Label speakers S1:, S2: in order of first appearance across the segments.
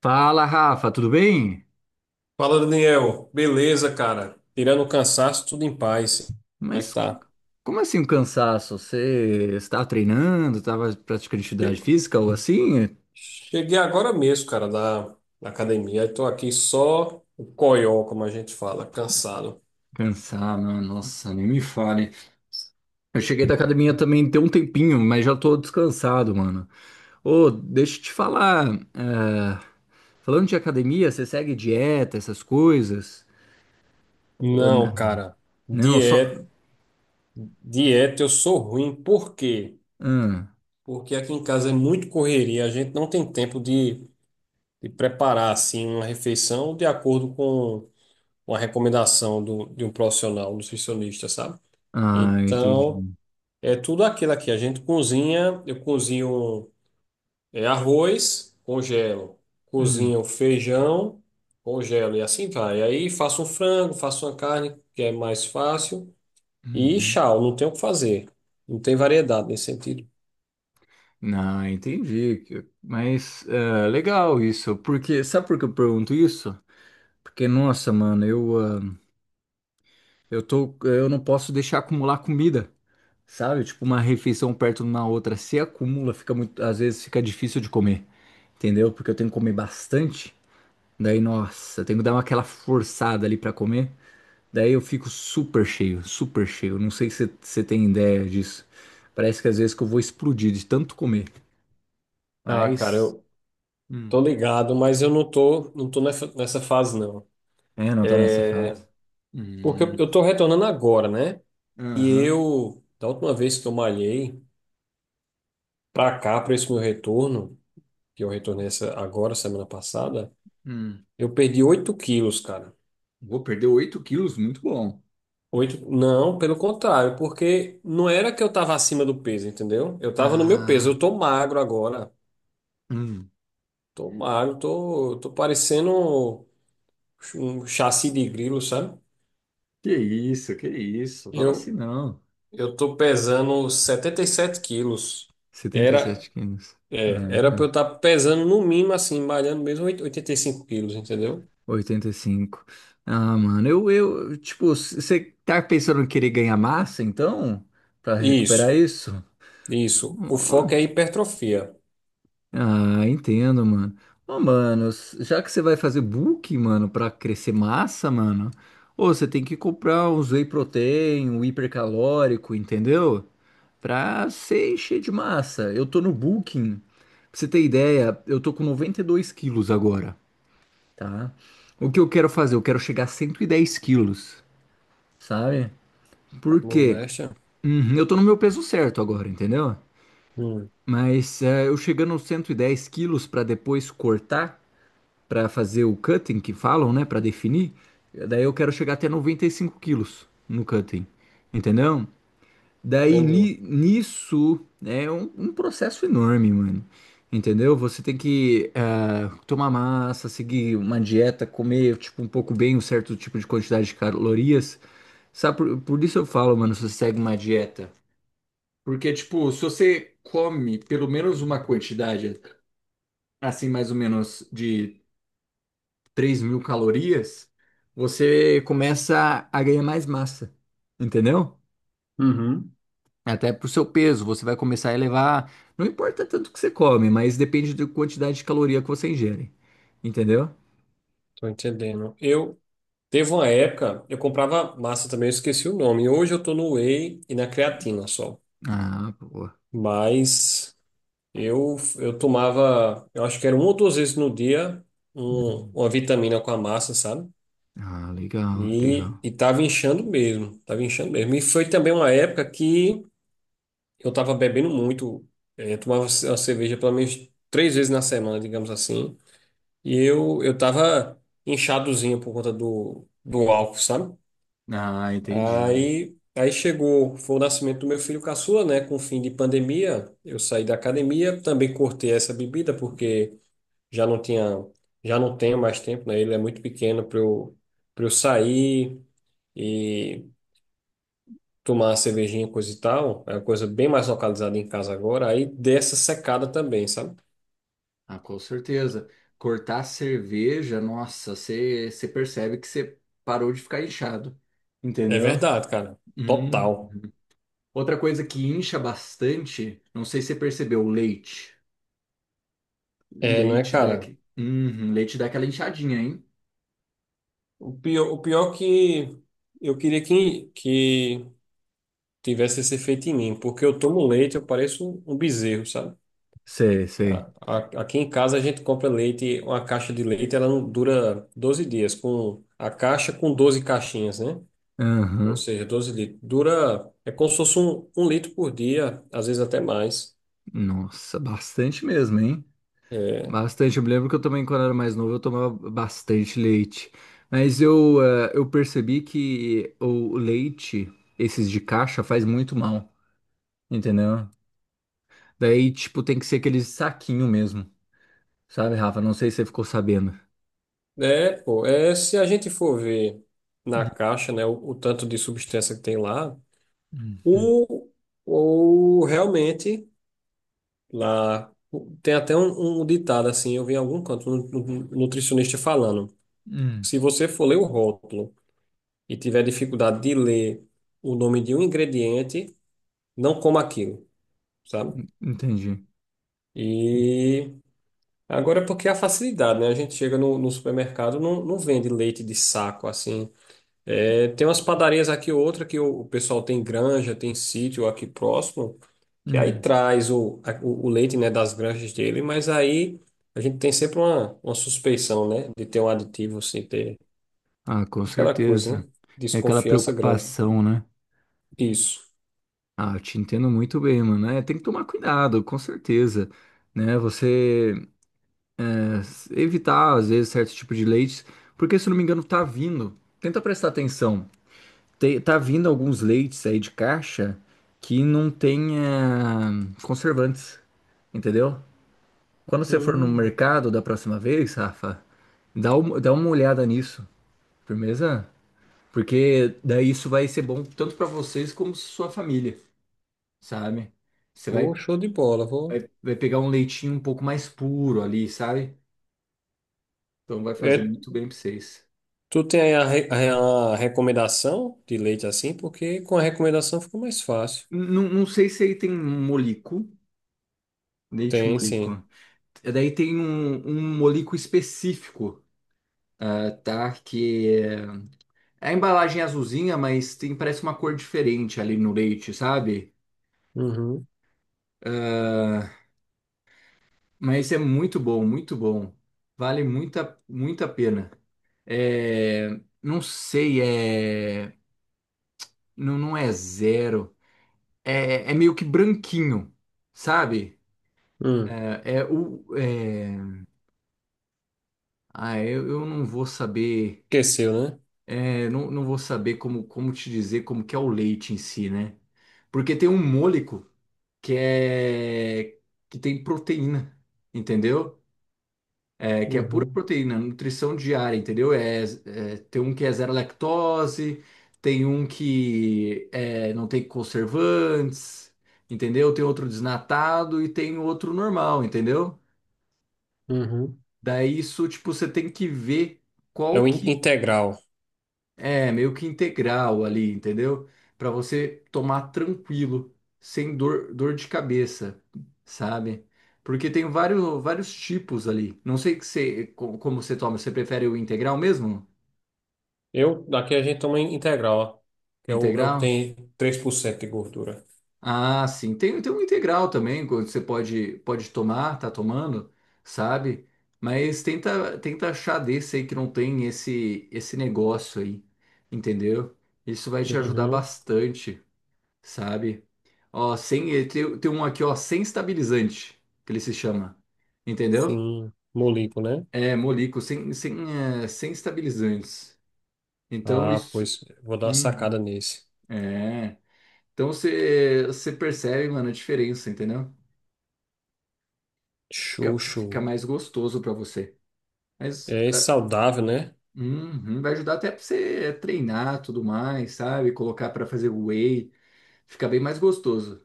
S1: Fala, Rafa, tudo bem?
S2: Fala, Daniel. Beleza, cara? Tirando o cansaço, tudo em paz. Como é que
S1: Mas
S2: tá?
S1: como assim um cansaço? Você estava treinando, estava praticando
S2: Che-
S1: atividade física ou assim?
S2: Cheguei agora mesmo, cara, da academia. Estou aqui só o coió, como a gente fala, cansado.
S1: Cansar, mano, nossa, nem me fale. Eu cheguei da academia também tem um tempinho, mas já tô descansado, mano. Ô, deixa eu te falar, é, falando de academia, você segue dieta, essas coisas? Ou
S2: Não,
S1: não?
S2: cara.
S1: Não, só...
S2: Dieta, dieta eu sou ruim. Por quê?
S1: Ah,
S2: Porque aqui em casa é muito correria. A gente não tem tempo de preparar, assim, uma refeição de acordo com uma recomendação de um profissional, um nutricionista, sabe?
S1: ah,
S2: Então...
S1: entendi.
S2: É tudo aquilo aqui. A gente cozinha, eu cozinho arroz, congelo.
S1: Hum,
S2: Cozinho feijão, congelo e assim vai. Aí faço um frango, faço uma carne, que é mais fácil. E
S1: uhum.
S2: tchau, não tem o que fazer. Não tem variedade nesse sentido.
S1: Ah, entendi. Mas é, legal isso, porque sabe por que eu pergunto isso? Porque, nossa, mano, eu não posso deixar acumular comida, sabe? Tipo, uma refeição perto de uma outra. Se acumula, fica muito, às vezes fica difícil de comer, entendeu? Porque eu tenho que comer bastante. Daí, nossa, eu tenho que aquela forçada ali pra comer. Daí eu fico super cheio, super cheio. Não sei se você tem ideia disso. Parece que às vezes que eu vou explodir de tanto comer.
S2: Ah, cara,
S1: Mas.
S2: eu
S1: Hum.
S2: tô ligado, mas eu não tô nessa fase, não.
S1: É, não tô nessa
S2: É,
S1: fase.
S2: porque eu
S1: Hum,
S2: eu tô retornando agora, né? E
S1: aham.
S2: eu, da última vez que eu malhei, pra cá, pra esse meu retorno, que eu retornei essa, agora, semana passada,
S1: Hum.
S2: eu perdi 8 quilos, cara.
S1: Vou perder 8 quilos, muito bom.
S2: Oito... Não, pelo contrário, porque não era que eu tava acima do peso, entendeu? Eu tava no meu peso.
S1: Ah,
S2: Eu tô magro agora.
S1: hum,
S2: Tô magro, tô parecendo um chassi de grilo, sabe?
S1: que isso, que isso. Fala assim
S2: Eu,
S1: não.
S2: eu tô pesando 77 quilos.
S1: Setenta e
S2: Era,
S1: sete quilos.
S2: era pra eu
S1: Ah,
S2: estar pesando no mínimo, assim, malhando mesmo 85 quilos, entendeu?
S1: 85. Ah, mano, você tá pensando em querer ganhar massa, então? Pra recuperar
S2: Isso,
S1: isso?
S2: isso. O foco é hipertrofia.
S1: Ah, entendo, mano. Já que você vai fazer bulk, mano, pra crescer massa, mano, ô, você tem que comprar uns whey protein, um hipercalórico, entendeu? Pra você encher de massa. Eu tô no bulking. Pra você ter ideia, eu tô com 92 quilos agora, tá? O que eu quero fazer? Eu quero chegar a 110 quilos, sabe? Porque
S2: Moléstia?
S1: eu tô no meu peso certo agora, entendeu?
S2: Hum,
S1: Mas eu chegando aos 110 quilos pra depois cortar, para fazer o cutting que falam, né, para definir. Daí eu quero chegar até 95 quilos no cutting, entendeu? Daí
S2: entendi.
S1: nisso é um processo enorme, mano. Entendeu? Você tem que tomar massa, seguir uma dieta, comer tipo um pouco bem um certo tipo de quantidade de calorias. Sabe, por isso eu falo, mano, se você segue uma dieta. Porque, tipo, se você come pelo menos uma quantidade, assim, mais ou menos de 3.000 calorias, você começa a ganhar mais massa, entendeu?
S2: Uhum.
S1: Até pro seu peso, você vai começar a elevar. Não importa tanto o que você come, mas depende da quantidade de caloria que você ingere, entendeu?
S2: Tô entendendo. Eu teve uma época, eu comprava massa também, eu esqueci o nome. Hoje eu tô no whey e na creatina só.
S1: Ah, boa.
S2: Mas eu tomava, eu acho que era uma ou duas vezes no dia, uma vitamina com a massa, sabe?
S1: Ah, legal, legal.
S2: E tava inchando mesmo, tava inchando mesmo. E foi também uma época que eu tava bebendo muito, eu tomava uma cerveja pelo menos três vezes na semana, digamos assim. E eu tava inchadozinho por conta do álcool, sabe?
S1: Ah, entendi.
S2: Aí chegou, foi o nascimento do meu filho caçula, né? Com o fim de pandemia, eu saí da academia, também cortei essa bebida porque já não tinha, já não tenho mais tempo, né? Ele é muito pequeno para eu sair e tomar uma cervejinha, coisa e tal. É uma coisa bem mais localizada em casa agora. Aí dessa secada também, sabe?
S1: Ah, com certeza. Cortar a cerveja, nossa, você percebe que você parou de ficar inchado,
S2: É
S1: entendeu?
S2: verdade, cara.
S1: Hum.
S2: Total.
S1: Outra coisa que incha bastante, não sei se você percebeu, leite.
S2: É, não é,
S1: Leite dá,
S2: cara?
S1: uhum, leite dá aquela inchadinha, hein?
S2: O pior que eu queria que tivesse esse efeito em mim, porque eu tomo leite, eu pareço um bezerro, sabe?
S1: Sei, sei.
S2: Aqui em casa a gente compra leite, uma caixa de leite, ela não dura 12 dias, com a caixa com 12 caixinhas, né? Ou
S1: Aham.
S2: seja, 12 litros. Dura, é como se fosse 1 litro por dia, às vezes até mais.
S1: Nossa, bastante mesmo, hein?
S2: É,
S1: Bastante. Eu me lembro que eu também, quando era mais novo, eu tomava bastante leite. Mas eu percebi que o leite, esses de caixa, faz muito mal, entendeu? Daí, tipo, tem que ser aquele saquinho mesmo, sabe, Rafa? Não sei se você ficou sabendo.
S2: é, pô, é, se a gente for ver na caixa, né, o tanto de substância que tem lá,
S1: Uhum.
S2: o, o realmente... Lá tem até um ditado assim, eu vi em algum canto um nutricionista falando.
S1: Hum,
S2: Se você for ler o rótulo e tiver dificuldade de ler o nome de um ingrediente, não coma aquilo, sabe?
S1: entendi.
S2: E agora é porque é a facilidade, né? A gente chega no supermercado, não vende leite de saco assim. É, tem umas padarias aqui, outra que o pessoal tem granja, tem sítio aqui próximo, que aí traz o leite, né, das granjas dele, mas aí a gente tem sempre uma suspeição, né, de ter um aditivo, assim, ter
S1: Ah, com
S2: aquela coisa,
S1: certeza.
S2: né,
S1: Tem aquela
S2: desconfiança grande.
S1: preocupação, né?
S2: Isso.
S1: Ah, eu te entendo muito bem, mano. É, tem que tomar cuidado, com certeza. Né? É, Evitar, às vezes, certo tipo de leites, porque, se eu não me engano, tá vindo. Tenta prestar atenção. Tá vindo alguns leites aí de caixa que não tem conservantes, entendeu? Quando você for no
S2: Hum,
S1: mercado da próxima vez, Rafa, dá uma olhada nisso. Firmeza? Porque daí isso vai ser bom tanto para vocês como sua família, sabe? Você
S2: oh,
S1: vai,
S2: show de bola, vou.
S1: vai pegar um leitinho um pouco mais puro ali, sabe? Então vai fazer
S2: É,
S1: muito bem para vocês.
S2: tu tem aí a recomendação de leite assim, porque com a recomendação fica mais fácil.
S1: Não, não sei se aí tem molico, leite
S2: Tem, sim.
S1: molico. E daí tem um molico específico, ah, tá? É a embalagem é azulzinha, mas tem parece uma cor diferente ali no leite, sabe?
S2: Uhum.
S1: Ah, mas é muito bom, muito bom. Vale muita, muita pena. É, não sei, não, não é zero. É, é meio que branquinho, sabe?
S2: Hum.
S1: É, é o, é, ah, eu não vou saber,
S2: Esqueceu, né?
S1: é, não, não vou saber como te dizer como que é o leite em si, né? Porque tem um môlico que é que tem proteína, entendeu? É que é pura
S2: Uhum.
S1: proteína, nutrição diária, entendeu? Tem um que é zero lactose, tem um que é, não tem conservantes, entendeu? Tem outro desnatado e tem outro normal, entendeu?
S2: Uhum.
S1: Daí isso, tipo, você tem que ver
S2: É o
S1: qual que
S2: integral.
S1: é meio que integral ali, entendeu? Pra você tomar tranquilo, sem dor, dor de cabeça, sabe? Porque tem vários, vários tipos ali. Não sei que você, como você toma, você prefere o integral mesmo?
S2: Eu, daqui a gente toma integral, ó, que é é o que
S1: Integral?
S2: tem 3% de gordura.
S1: Ah, sim. Tem, tem um integral também, que você pode, pode tomar, tá tomando, sabe? Mas tenta, tenta achar desse aí que não tem esse negócio aí, entendeu? Isso vai te ajudar
S2: Uhum.
S1: bastante, sabe? Ó, sem, eh, tem, tem um aqui, ó, sem estabilizante, que ele se chama, entendeu?
S2: Sim, molico, né?
S1: É, Molico, sem estabilizantes. Então,
S2: Ah,
S1: isso.
S2: pois vou dar uma
S1: Uhum.
S2: sacada nesse.
S1: É. Então, você percebe, mano, a diferença, entendeu? Fica,
S2: Xuxu.
S1: fica mais gostoso para você. Mas
S2: É saudável, né?
S1: uhum, vai ajudar até para você treinar tudo mais, sabe? Colocar para fazer whey, fica bem mais gostoso,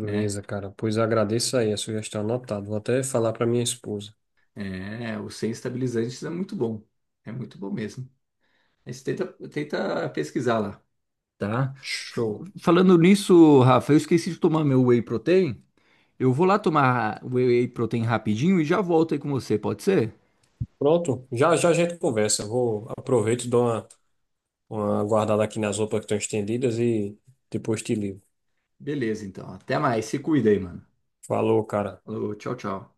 S1: né?
S2: cara. Pois agradeço aí a sugestão anotada. Vou até falar para minha esposa.
S1: É, o sem estabilizantes é muito bom mesmo. Mas tenta, tenta pesquisar lá, tá? F-
S2: Show.
S1: Falando nisso, Rafa, eu esqueci de tomar meu whey protein. Eu vou lá tomar whey protein rapidinho e já volto aí com você, pode ser?
S2: Pronto, já já a gente conversa. Vou aproveito, dou uma guardada aqui nas roupas que estão estendidas e depois te ligo.
S1: Beleza, então. Até mais. Se cuida aí, mano.
S2: Falou, cara.
S1: Falou, tchau, tchau.